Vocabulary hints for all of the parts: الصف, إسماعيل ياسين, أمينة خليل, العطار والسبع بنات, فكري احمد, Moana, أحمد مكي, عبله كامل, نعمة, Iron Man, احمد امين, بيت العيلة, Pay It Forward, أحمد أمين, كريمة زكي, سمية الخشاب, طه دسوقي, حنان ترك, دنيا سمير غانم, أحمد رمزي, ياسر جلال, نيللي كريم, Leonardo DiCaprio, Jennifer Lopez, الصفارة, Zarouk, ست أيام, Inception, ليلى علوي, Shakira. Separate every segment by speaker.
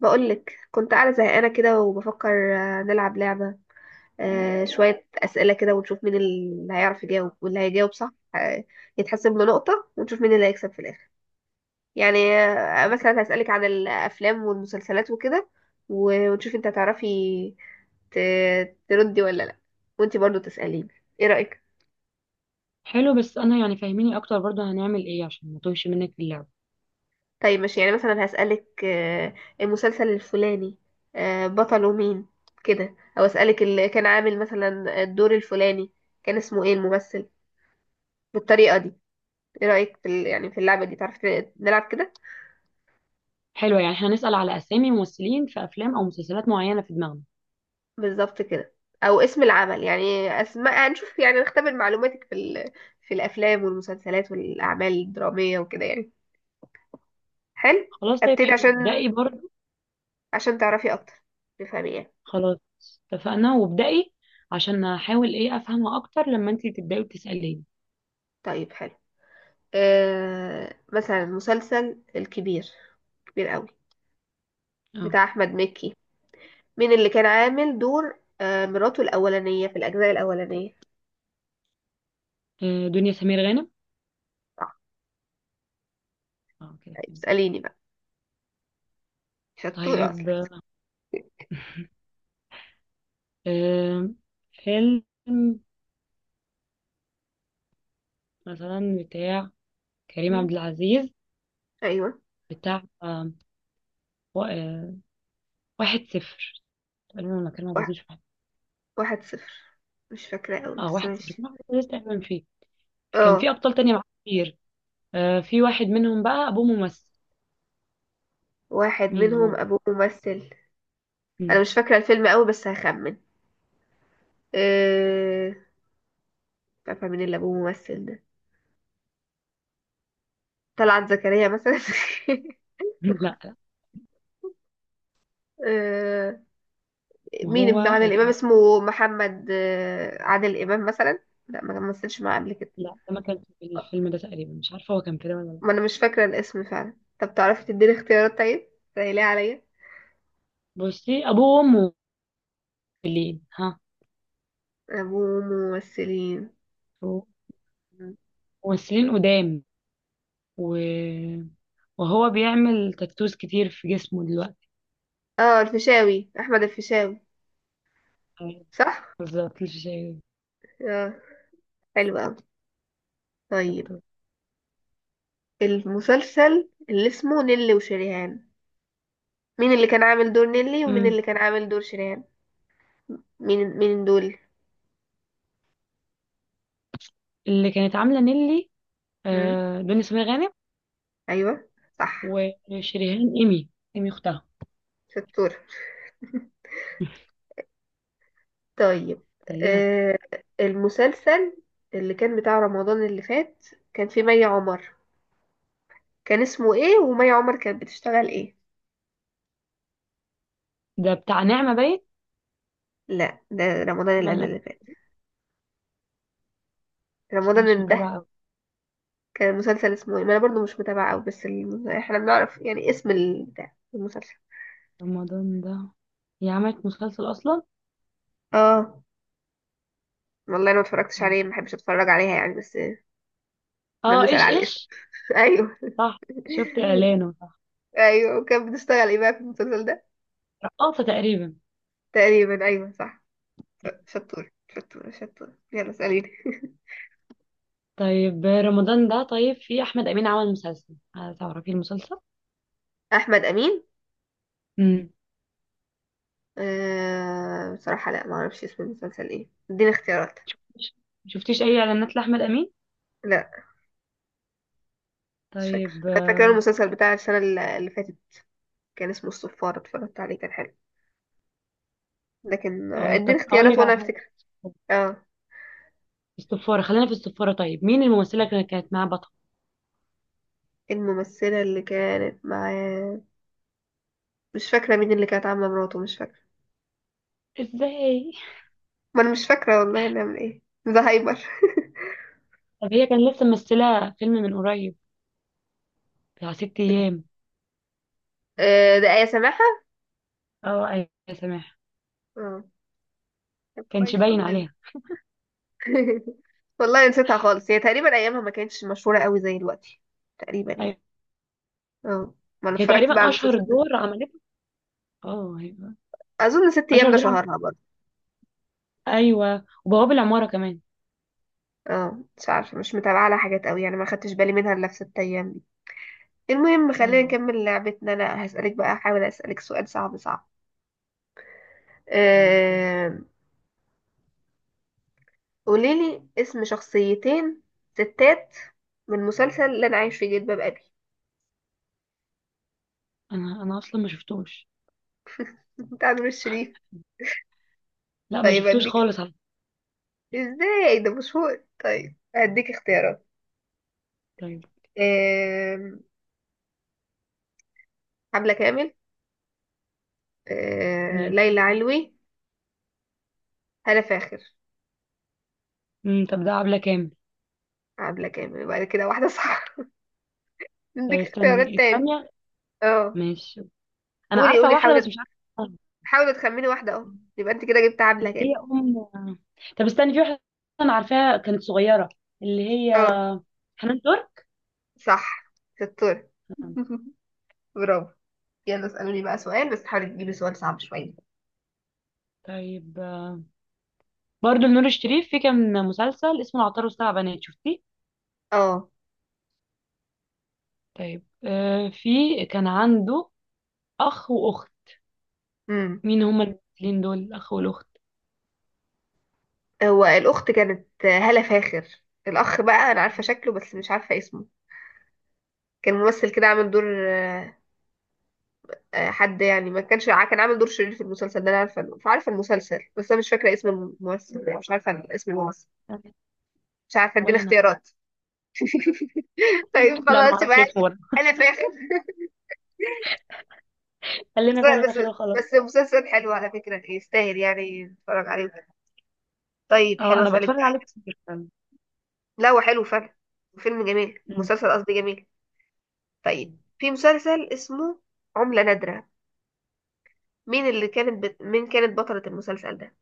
Speaker 1: بقولك كنت قاعدة زهقانة كده وبفكر نلعب لعبة. شوية أسئلة كده ونشوف مين اللي هيعرف يجاوب واللي هيجاوب صح، يتحسب له نقطة ونشوف مين اللي هيكسب في الآخر. يعني مثلا هسألك عن الأفلام والمسلسلات وكده ونشوف انت هتعرفي تردي ولا لأ، وانت برضو تسأليني. ايه رأيك؟
Speaker 2: حلو، بس انا يعني فاهميني اكتر برضو، هنعمل ايه عشان ما توهش منك في اللعبه؟
Speaker 1: طيب ماشي، يعني مثلا هسألك المسلسل الفلاني بطله مين كده، او اسألك اللي كان عامل مثلا الدور الفلاني كان اسمه ايه الممثل، بالطريقة دي. ايه رأيك في يعني في اللعبة دي؟ تعرف نلعب كده؟
Speaker 2: حلو، يعني احنا هنسال على اسامي ممثلين في افلام او مسلسلات معينه في دماغنا.
Speaker 1: بالظبط كده. او اسم العمل، يعني اسماء، هنشوف يعني نختبر معلوماتك في في الافلام والمسلسلات والاعمال الدرامية وكده يعني. حلو.
Speaker 2: خلاص، طيب
Speaker 1: ابتدي
Speaker 2: حلو،
Speaker 1: عشان
Speaker 2: ابدأي برضو.
Speaker 1: عشان تعرفي اكتر، تفهمي يعني.
Speaker 2: خلاص، اتفقنا وابدأي عشان احاول ايه افهمها اكتر لما انتي تبداي وتساليني.
Speaker 1: طيب حلو. مثلا مسلسل الكبير كبير قوي
Speaker 2: اه.
Speaker 1: بتاع احمد مكي، مين اللي كان عامل دور مراته الاولانيه في الاجزاء الاولانيه؟
Speaker 2: دنيا سمير غانم.
Speaker 1: صح.
Speaker 2: اه، كده
Speaker 1: طيب
Speaker 2: فهمت.
Speaker 1: اساليني بقى، شطوره اصلا.
Speaker 2: طيب، آه، فيلم مثلا بتاع كريم
Speaker 1: مم.
Speaker 2: عبد العزيز.
Speaker 1: ايوه.
Speaker 2: بتاع و- آه، واحد صفر تقريبا، ولا كريم عبد
Speaker 1: واحد,
Speaker 2: العزيز؟
Speaker 1: واحد صفر. مش فاكره قوي
Speaker 2: اه،
Speaker 1: بس
Speaker 2: واحد صفر
Speaker 1: ماشي.
Speaker 2: كان أحمد عز تقريبا فيه. كان في
Speaker 1: اه
Speaker 2: ابطال تانية معاه كتير. في واحد منهم بقى ابوه ممثل.
Speaker 1: واحد
Speaker 2: مين
Speaker 1: منهم
Speaker 2: هو؟
Speaker 1: ابوه ممثل. انا
Speaker 2: مم.
Speaker 1: مش فاكره الفيلم قوي بس هخمن. آه مش عارفه مين اللي ابوه ممثل ده. طلعت زكريا مثلا.
Speaker 2: لا، لا.
Speaker 1: آه، مين ابن
Speaker 2: وهو
Speaker 1: عادل امام
Speaker 2: كان.
Speaker 1: اسمه محمد عادل امام مثلا. لا ما مثلش معاه قبل كده.
Speaker 2: لا، ده ما كان في الفيلم ده تقريبا، مش عارفه هو كان في ده ولا لا.
Speaker 1: ما انا مش فاكره الاسم فعلا. طب تعرفي تديني اختيارات؟ طيب سهليه عليا.
Speaker 2: بصي، ابوه وامه ممثلين. ها؟
Speaker 1: ابوه ممثلين.
Speaker 2: ممثلين قدام و... وهو بيعمل تاتوز كتير في جسمه دلوقتي.
Speaker 1: اه الفيشاوي، احمد الفيشاوي.
Speaker 2: آه،
Speaker 1: صح.
Speaker 2: بالظبط، مش شايف.
Speaker 1: اه حلو قوي. طيب
Speaker 2: ستور.
Speaker 1: المسلسل اللي اسمه نيلي وشريهان، مين اللي كان عامل دور نيلي ومين
Speaker 2: مم.
Speaker 1: اللي كان عامل دور شريهان؟ مين مين دول؟
Speaker 2: اللي كانت عامله نيلي،
Speaker 1: مم؟
Speaker 2: دنيا سمير غانم.
Speaker 1: ايوه. صح.
Speaker 2: وشريهان، ايمي. ايمي اختها.
Speaker 1: شطور. طيب.
Speaker 2: ايوه.
Speaker 1: آه المسلسل اللي كان بتاع رمضان اللي فات كان فيه مي عمر، كان اسمه ايه ومي عمر كانت بتشتغل ايه؟
Speaker 2: ده بتاع نعمة، باين.
Speaker 1: لا ده رمضان اللي قبل
Speaker 2: ملا.
Speaker 1: اللي فات.
Speaker 2: بس انا
Speaker 1: رمضان
Speaker 2: مش
Speaker 1: اللي ده،
Speaker 2: متابعة أوي.
Speaker 1: كان المسلسل اسمه ايه؟ ما انا برضو مش متابعة قوي بس احنا بنعرف يعني اسم بتاع المسلسل.
Speaker 2: رمضان ده؟ هي عملت مسلسل اصلا؟
Speaker 1: اه. والله انا ما اتفرجتش
Speaker 2: اه.
Speaker 1: عليه، ما بحبش اتفرج عليها يعني، بس احنا بنسأل
Speaker 2: ايش
Speaker 1: على الاسم.
Speaker 2: ايش؟
Speaker 1: ايوه.
Speaker 2: صح، شفت اعلانه صح.
Speaker 1: ايوه. وكانت بتشتغل ايه بقى في المسلسل ده؟
Speaker 2: رقاصة تقريبا.
Speaker 1: تقريبا ايوه صح. شطور شطور شطور، يلا اسأليني.
Speaker 2: طيب، رمضان ده، طيب في احمد امين عمل مسلسل، هل تعرفي المسلسل؟
Speaker 1: احمد امين.
Speaker 2: امم.
Speaker 1: بصراحه لا ما اعرفش اسم المسلسل ايه، اديني اختيارات.
Speaker 2: شفتيش اي اعلانات لاحمد امين؟
Speaker 1: لا مش فاكره.
Speaker 2: طيب،
Speaker 1: انا فاكره
Speaker 2: اه.
Speaker 1: المسلسل بتاع السنه اللي فاتت كان اسمه الصفاره، اتفرجت عليه كان حلو. لكن اديني
Speaker 2: طب اقول
Speaker 1: اختيارات
Speaker 2: لك على
Speaker 1: وانا
Speaker 2: حاجة.
Speaker 1: افتكر. اه.
Speaker 2: الصفارة، خلينا في الصفارة. طيب مين الممثلة اللي كانت معاه بطل؟
Speaker 1: الممثله اللي كانت معاه مش فاكره مين اللي كانت عامله مراته، مش فاكره.
Speaker 2: ازاي؟
Speaker 1: ما انا مش فاكره والله، نعمل ايه، ده هايبر.
Speaker 2: طب هي كان لسه ممثلة فيلم من قريب، بتاع ست ايام.
Speaker 1: ده آية سماحة.
Speaker 2: اه، ايوه، سامح.
Speaker 1: اه طب
Speaker 2: كانش
Speaker 1: كويس
Speaker 2: باين
Speaker 1: والله.
Speaker 2: عليها.
Speaker 1: والله نسيتها خالص. هي تقريبا ايامها ما كانتش مشهورة قوي زي دلوقتي، تقريبا
Speaker 2: أيوة.
Speaker 1: يعني. اه. ما انا
Speaker 2: هي
Speaker 1: اتفرجت بقى
Speaker 2: تقريبا
Speaker 1: على
Speaker 2: اشهر
Speaker 1: المسلسل ده.
Speaker 2: دور عملته. اه، أيوة.
Speaker 1: اظن ست ايام
Speaker 2: اشهر
Speaker 1: ده
Speaker 2: دور عملته،
Speaker 1: شهرها برضه.
Speaker 2: ايوه، وبواب العماره كمان.
Speaker 1: اه مش عارفه، مش متابعه لها حاجات قوي يعني، ما خدتش بالي منها الا في ست ايام دي. المهم خلينا
Speaker 2: ايوه.
Speaker 1: نكمل لعبتنا. انا هسالك بقى، احاول اسالك سؤال صعب صعب.
Speaker 2: طيب يلا.
Speaker 1: أه... قوليلي اسم شخصيتين ستات من مسلسل اللي انا عايش في جلباب ابي.
Speaker 2: انا اصلا ما شفتوش.
Speaker 1: بتاع نور الشريف.
Speaker 2: لا، ما
Speaker 1: طيب
Speaker 2: شفتوش
Speaker 1: هديك.
Speaker 2: خالص على فكرة.
Speaker 1: ازاي ده مشهور؟ طيب هديك اختيارات.
Speaker 2: طيب،
Speaker 1: أه... حمله كامل.
Speaker 2: ماشي.
Speaker 1: ليلى علوي. هالة فاخر.
Speaker 2: طب ده عبله كامل.
Speaker 1: عاملة كام؟ بعد كده واحدة صح.
Speaker 2: طيب،
Speaker 1: عندك اختيارات
Speaker 2: استني
Speaker 1: تاني.
Speaker 2: الثانيه.
Speaker 1: اه
Speaker 2: ماشي. انا
Speaker 1: قولي
Speaker 2: عارفه
Speaker 1: قولي،
Speaker 2: واحده بس
Speaker 1: حاولي
Speaker 2: مش عارفه اسمها.
Speaker 1: حاولي تخمني واحدة اهو. يبقى انت كده جبت عاملة
Speaker 2: اللي
Speaker 1: كام.
Speaker 2: هي ام. طب استني، في واحده. انا عارفاها كانت صغيره. اللي هي
Speaker 1: اه
Speaker 2: حنان ترك.
Speaker 1: صح شطورة. برافو. يلا اسألوني بقى سؤال بس حاولي تجيبي سؤال صعب شوية.
Speaker 2: طيب، برضو لنور الشريف في كان مسلسل اسمه العطار والسبع بنات، شفتيه؟
Speaker 1: اه.
Speaker 2: طيب، في كان عنده اخ واخت.
Speaker 1: امم.
Speaker 2: مين هما الاثنين دول، الاخ والاخت؟
Speaker 1: هو الأخت كانت هالة فاخر. الأخ بقى أنا عارفة شكله بس مش عارفة اسمه. كان ممثل كده عامل دور، آه، حد يعني، ما كانش كان عامل دور شرير في المسلسل ده. أنا عارفة، عارفة المسلسل بس أنا مش فاكرة اسم الممثل، مش عارفة اسم الممثل. مش عارفه اديني
Speaker 2: ولا انا.
Speaker 1: اختيارات. طيب
Speaker 2: لا، انا ما
Speaker 1: خلاص
Speaker 2: اعرفش
Speaker 1: يبقى.
Speaker 2: اسمه برضه.
Speaker 1: انا فاخر. بس
Speaker 2: خلينا في اللي في
Speaker 1: بس
Speaker 2: اخره، خلاص.
Speaker 1: بس مسلسل حلو على فكره، يستاهل يعني نتفرج عليه. طيب
Speaker 2: اه،
Speaker 1: حلو
Speaker 2: انا
Speaker 1: اسالك
Speaker 2: بتفرج عليه
Speaker 1: بقى.
Speaker 2: كتير فعلا.
Speaker 1: لا هو حلو فعلا. فيلم جميل،
Speaker 2: أمم.
Speaker 1: مسلسل قصدي، جميل. طيب في مسلسل اسمه عملة نادرة، مين اللي كانت مين كانت بطلة المسلسل ده؟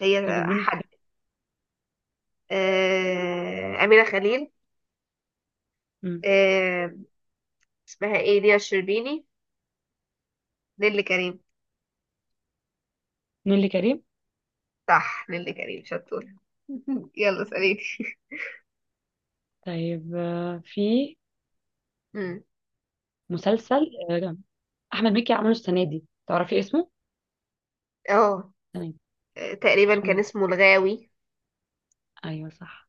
Speaker 1: هي
Speaker 2: طيب، اديني
Speaker 1: حد.
Speaker 2: اختيار.
Speaker 1: أمينة خليل.
Speaker 2: أمم.
Speaker 1: آه... اسمها ايه، ديا الشربيني، نيللي كريم؟
Speaker 2: نيللي كريم.
Speaker 1: صح. نيللي كريم شطورة. يلا اسأليني.
Speaker 2: طيب، في
Speaker 1: مم.
Speaker 2: مسلسل احمد مكي عمله السنه دي، تعرفي اسمه؟
Speaker 1: اه
Speaker 2: السنه دي.
Speaker 1: تقريبا
Speaker 2: اسمه
Speaker 1: كان
Speaker 2: ايه؟
Speaker 1: اسمه الغاوي.
Speaker 2: ايوه صح.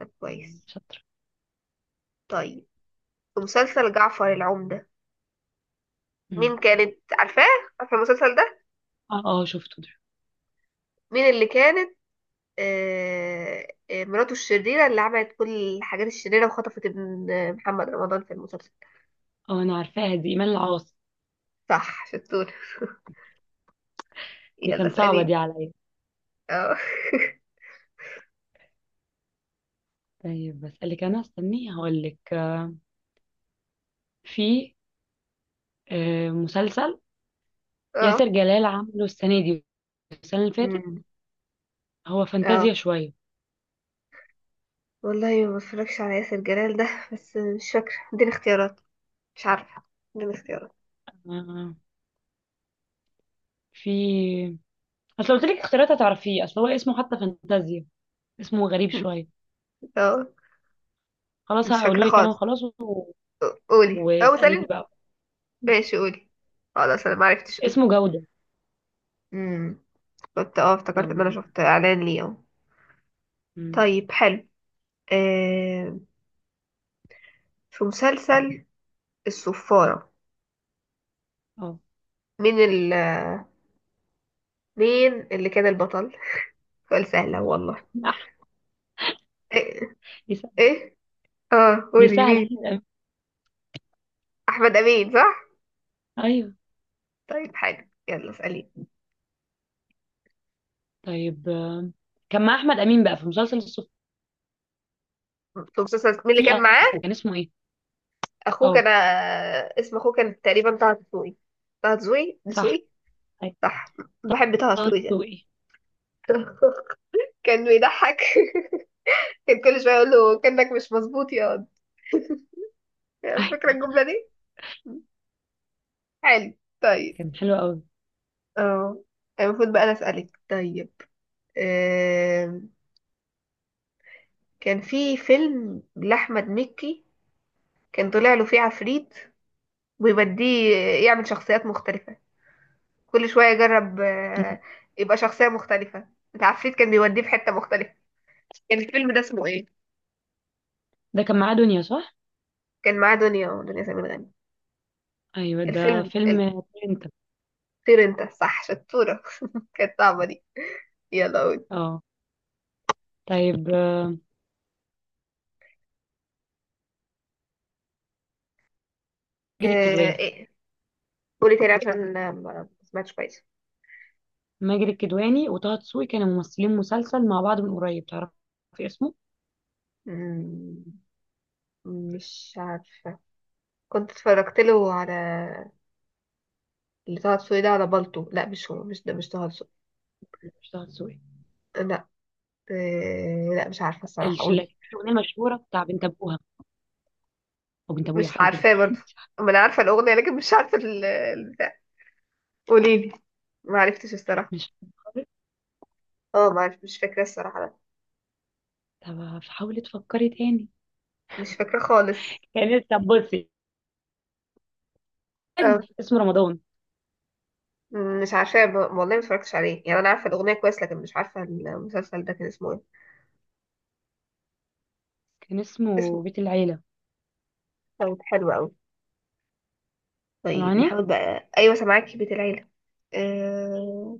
Speaker 1: طب كويس.
Speaker 2: شاطر.
Speaker 1: طيب في مسلسل جعفر العمدة،
Speaker 2: أمم.
Speaker 1: مين كانت عارفاه؟ عارفه المسلسل ده؟
Speaker 2: اه، اه، شفته ده.
Speaker 1: مين اللي كانت مراته الشريرة اللي عملت كل الحاجات الشريرة وخطفت ابن محمد رمضان في المسلسل؟
Speaker 2: اه، انا عارفاها دي ايمان العاص.
Speaker 1: صح شطور.
Speaker 2: دي
Speaker 1: يلا
Speaker 2: كان صعبه دي
Speaker 1: اسأليني.
Speaker 2: عليا.
Speaker 1: اه.
Speaker 2: طيب، بسألك أنا، استني هقولك، في مسلسل
Speaker 1: اه.
Speaker 2: ياسر جلال عامله السنة دي، السنة اللي فاتت.
Speaker 1: أمم.
Speaker 2: هو
Speaker 1: اه
Speaker 2: فانتازيا شوية.
Speaker 1: والله ما بتفرجش على ياسر جلال ده، بس مش فاكرة اديني اختيارات، مش عارفة. اديني اختيارات.
Speaker 2: آه، في أصل قلت لك اختيارات هتعرفيه، أصل هو اسمه حتى فانتازيا. اسمه غريب شوية.
Speaker 1: اه
Speaker 2: خلاص
Speaker 1: مش
Speaker 2: هقوله
Speaker 1: فاكرة
Speaker 2: لك أنا
Speaker 1: خالص.
Speaker 2: وخلاص
Speaker 1: قولي او
Speaker 2: واسأليني
Speaker 1: سأليني.
Speaker 2: بقى.
Speaker 1: ماشي قولي. خلاص انا معرفتش، قولي.
Speaker 2: اسمه جودة.
Speaker 1: امم. كنت افتكرت ان
Speaker 2: جودة.
Speaker 1: انا شفت اعلان ليه اهو.
Speaker 2: مم.
Speaker 1: طيب حلو. آه في مسلسل الصفارة،
Speaker 2: اه.
Speaker 1: مين ال مين اللي كان البطل؟ سؤال سهل أهو والله.
Speaker 2: أح-
Speaker 1: ايه.
Speaker 2: دي سهلة.
Speaker 1: ايه. اه
Speaker 2: دي
Speaker 1: قولي
Speaker 2: سهلة،
Speaker 1: مين.
Speaker 2: أحمد أمين.
Speaker 1: احمد امين صح.
Speaker 2: أيوه.
Speaker 1: طيب حلو يلا اسالي.
Speaker 2: طيب، كان مع أحمد أمين بقى في مسلسل الصف.
Speaker 1: في مسلسل مين اللي
Speaker 2: في
Speaker 1: كان معاه،
Speaker 2: أخوه كان اسمه إيه؟
Speaker 1: اخوه
Speaker 2: اه
Speaker 1: كان اسم اخوه كان تقريبا طه دسوقي. طه دسوقي
Speaker 2: صح،
Speaker 1: دسوقي. صح. بحب طه
Speaker 2: طه
Speaker 1: دسوقي ده.
Speaker 2: دسوقي.
Speaker 1: كان بيضحك. كان كل شويه اقول له كانك مش مظبوط يا واد، فاكره
Speaker 2: ايوه،
Speaker 1: الجمله دي. حلو. طيب.
Speaker 2: كان حلو قوي.
Speaker 1: اه. المفروض بقى انا اسالك. طيب آم، كان في فيلم لاحمد مكي كان طلع له فيه عفريت ويوديه يعمل شخصيات مختلفه، كل شويه يجرب
Speaker 2: مم.
Speaker 1: يبقى شخصيه مختلفه، العفريت كان بيوديه في حته مختلفه. كان الفيلم ده اسمه ايه؟
Speaker 2: ده كان معاه دنيا، صح؟
Speaker 1: كان معاه دنيا سمير غانم.
Speaker 2: ايوه، ده
Speaker 1: الفيلم
Speaker 2: فيلم.
Speaker 1: ال-
Speaker 2: انت.
Speaker 1: طير انت صح شطوره. كانت صعبه دي. يلا قول.
Speaker 2: اه. طيب، ماجد الكدواني.
Speaker 1: إيه؟ قولي تاني عشان ما ما سمعتش كويس.
Speaker 2: ماجد الكدواني وطه دسوقي كانوا ممثلين مسلسل مع بعض من قريب، تعرفي اسمه؟
Speaker 1: مم، مش عارفة. كنت اتفرجت له على اللي طه دسوقي ده على بالطو، لا مش هو، مش ده، مش طه دسوقي.
Speaker 2: لا، مش طه دسوقي.
Speaker 1: لا لا مش عارفة الصراحة،
Speaker 2: لا،
Speaker 1: قولي.
Speaker 2: في الاغنيه المشهوره بتاع بنت ابوها او بنت ابويا
Speaker 1: مش
Speaker 2: حاجه كده.
Speaker 1: عارفاه برضه.
Speaker 2: مش عارفة-
Speaker 1: ما انا عارفة الأغنية لكن مش عارفة البتاع. قولي لي. ما عرفتش الصراحة.
Speaker 2: مش فاكرة.
Speaker 1: اه ما عرف مش فاكرة الصراحة لا.
Speaker 2: طب حاولي تفكري تاني.
Speaker 1: مش فاكرة خالص.
Speaker 2: كان. طب بصي،
Speaker 1: اه.
Speaker 2: اسمه رمضان.
Speaker 1: مش عارفة والله ما اتفرجتش عليه يعني. انا عارفة الأغنية كويس لكن مش عارفة المسلسل ده كان اسمه ايه.
Speaker 2: كان اسمه
Speaker 1: اسمه.
Speaker 2: بيت العيله.
Speaker 1: كان حلو قوي. طيب
Speaker 2: سامعاني.
Speaker 1: نحاول بقى. ايوه سامعاكي، بيت العيله. أه...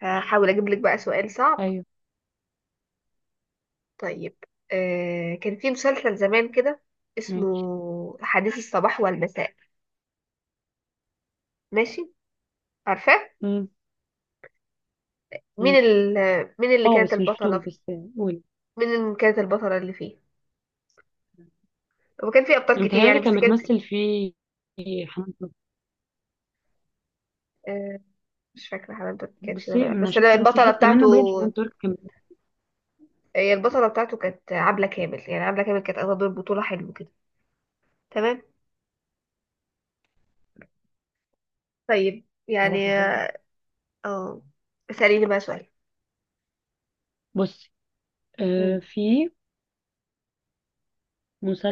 Speaker 1: هحاول اجيب لك بقى سؤال صعب.
Speaker 2: ايوه.
Speaker 1: طيب. كان في مسلسل زمان كده اسمه
Speaker 2: ماشي.
Speaker 1: حديث الصباح والمساء. ماشي. عارفاه.
Speaker 2: مم.
Speaker 1: مين
Speaker 2: ماشي.
Speaker 1: مين اللي
Speaker 2: اه،
Speaker 1: كانت
Speaker 2: بس مش بطول،
Speaker 1: البطله؟
Speaker 2: بس. قولي.
Speaker 1: مين اللي كانت البطله اللي فيه؟ هو كان فيه ابطال كتير يعني
Speaker 2: متهيألي
Speaker 1: بس
Speaker 2: كان
Speaker 1: كان فيه.
Speaker 2: بتمثل فيه حنان ترك.
Speaker 1: أه... مش فاكره حبيبتك كانت فيه ولا
Speaker 2: بصي،
Speaker 1: لأ.
Speaker 2: انا
Speaker 1: بس أنا
Speaker 2: شفت بس
Speaker 1: البطله
Speaker 2: حتة
Speaker 1: بتاعته،
Speaker 2: منه باين حنان ترك كان.
Speaker 1: هي البطله بتاعته كانت عبله كامل. يعني عبله كامل كانت اخدة دور بطوله حلو كده. تمام. طيب
Speaker 2: بعرفها
Speaker 1: يعني.
Speaker 2: خالص.
Speaker 1: اه اسأليني بقى سؤال.
Speaker 2: بصي،
Speaker 1: مم.
Speaker 2: في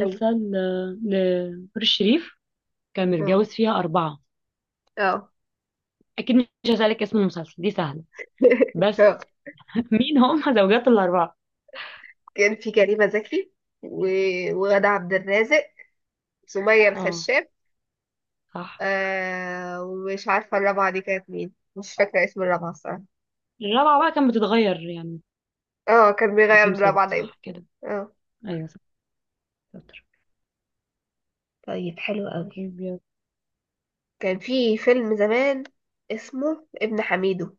Speaker 1: ايوه.
Speaker 2: لنور الشريف كان
Speaker 1: اه.
Speaker 2: متجوز فيها أربعة.
Speaker 1: اه.
Speaker 2: أكيد مش هسألك اسم المسلسل، دي سهلة،
Speaker 1: اه
Speaker 2: بس. مين هم زوجات الأربعة؟
Speaker 1: كان في كريمة زكي و... وغادة عبد الرازق، سمية
Speaker 2: اه
Speaker 1: الخشاب.
Speaker 2: صح.
Speaker 1: آه ومش عارفة الرابعة دي كانت مين، مش فاكرة اسم الرابعة الصراحة.
Speaker 2: الرابعة بقى كانت بتتغير يعني.
Speaker 1: اه كان
Speaker 2: ده
Speaker 1: بيغير
Speaker 2: فيهم
Speaker 1: الرابعة
Speaker 2: ثابت،
Speaker 1: دايما.
Speaker 2: صح كده؟
Speaker 1: اه.
Speaker 2: أيوة صح. شاطر.
Speaker 1: طيب حلو قوي.
Speaker 2: أبيض.
Speaker 1: كان في فيلم زمان اسمه ابن حميدو،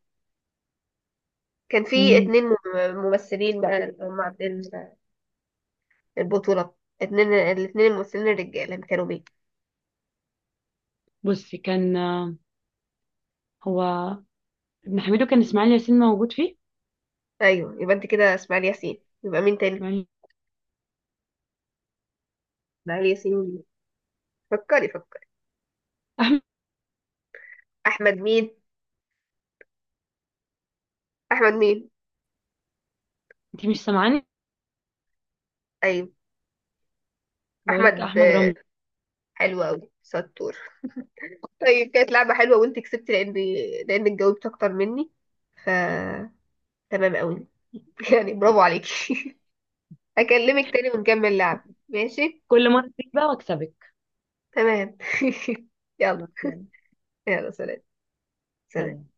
Speaker 1: كان في
Speaker 2: أمم،
Speaker 1: اتنين ممثلين بقى اللي هم عاملين البطولة. الاتنين الممثلين الرجالة كانوا مين؟
Speaker 2: بصي كان هو ابن حميدو كان إسماعيل ياسين موجود فيه.
Speaker 1: ايوه يبقى انت كده. اسماعيل ياسين، يبقى مين تاني؟
Speaker 2: يعني.
Speaker 1: اسماعيل ياسين. فكري فكري. احمد مين. احمد مين.
Speaker 2: انت مش سامعاني؟
Speaker 1: ايوه.
Speaker 2: بقول لك
Speaker 1: احمد
Speaker 2: احمد رمزي.
Speaker 1: حلو قوي ستور. طيب كانت لعبه حلوه وانت كسبت، لان، لانك جاوبت اكتر مني، ف تمام قوي. يعني برافو عليكي. هكلمك تاني ونكمل لعب، ماشي؟
Speaker 2: كل مره تيجي بقى واكسبك.
Speaker 1: تمام. يلا.
Speaker 2: خلاص، يلا،
Speaker 1: يلا سلام. سلام.
Speaker 2: سلام.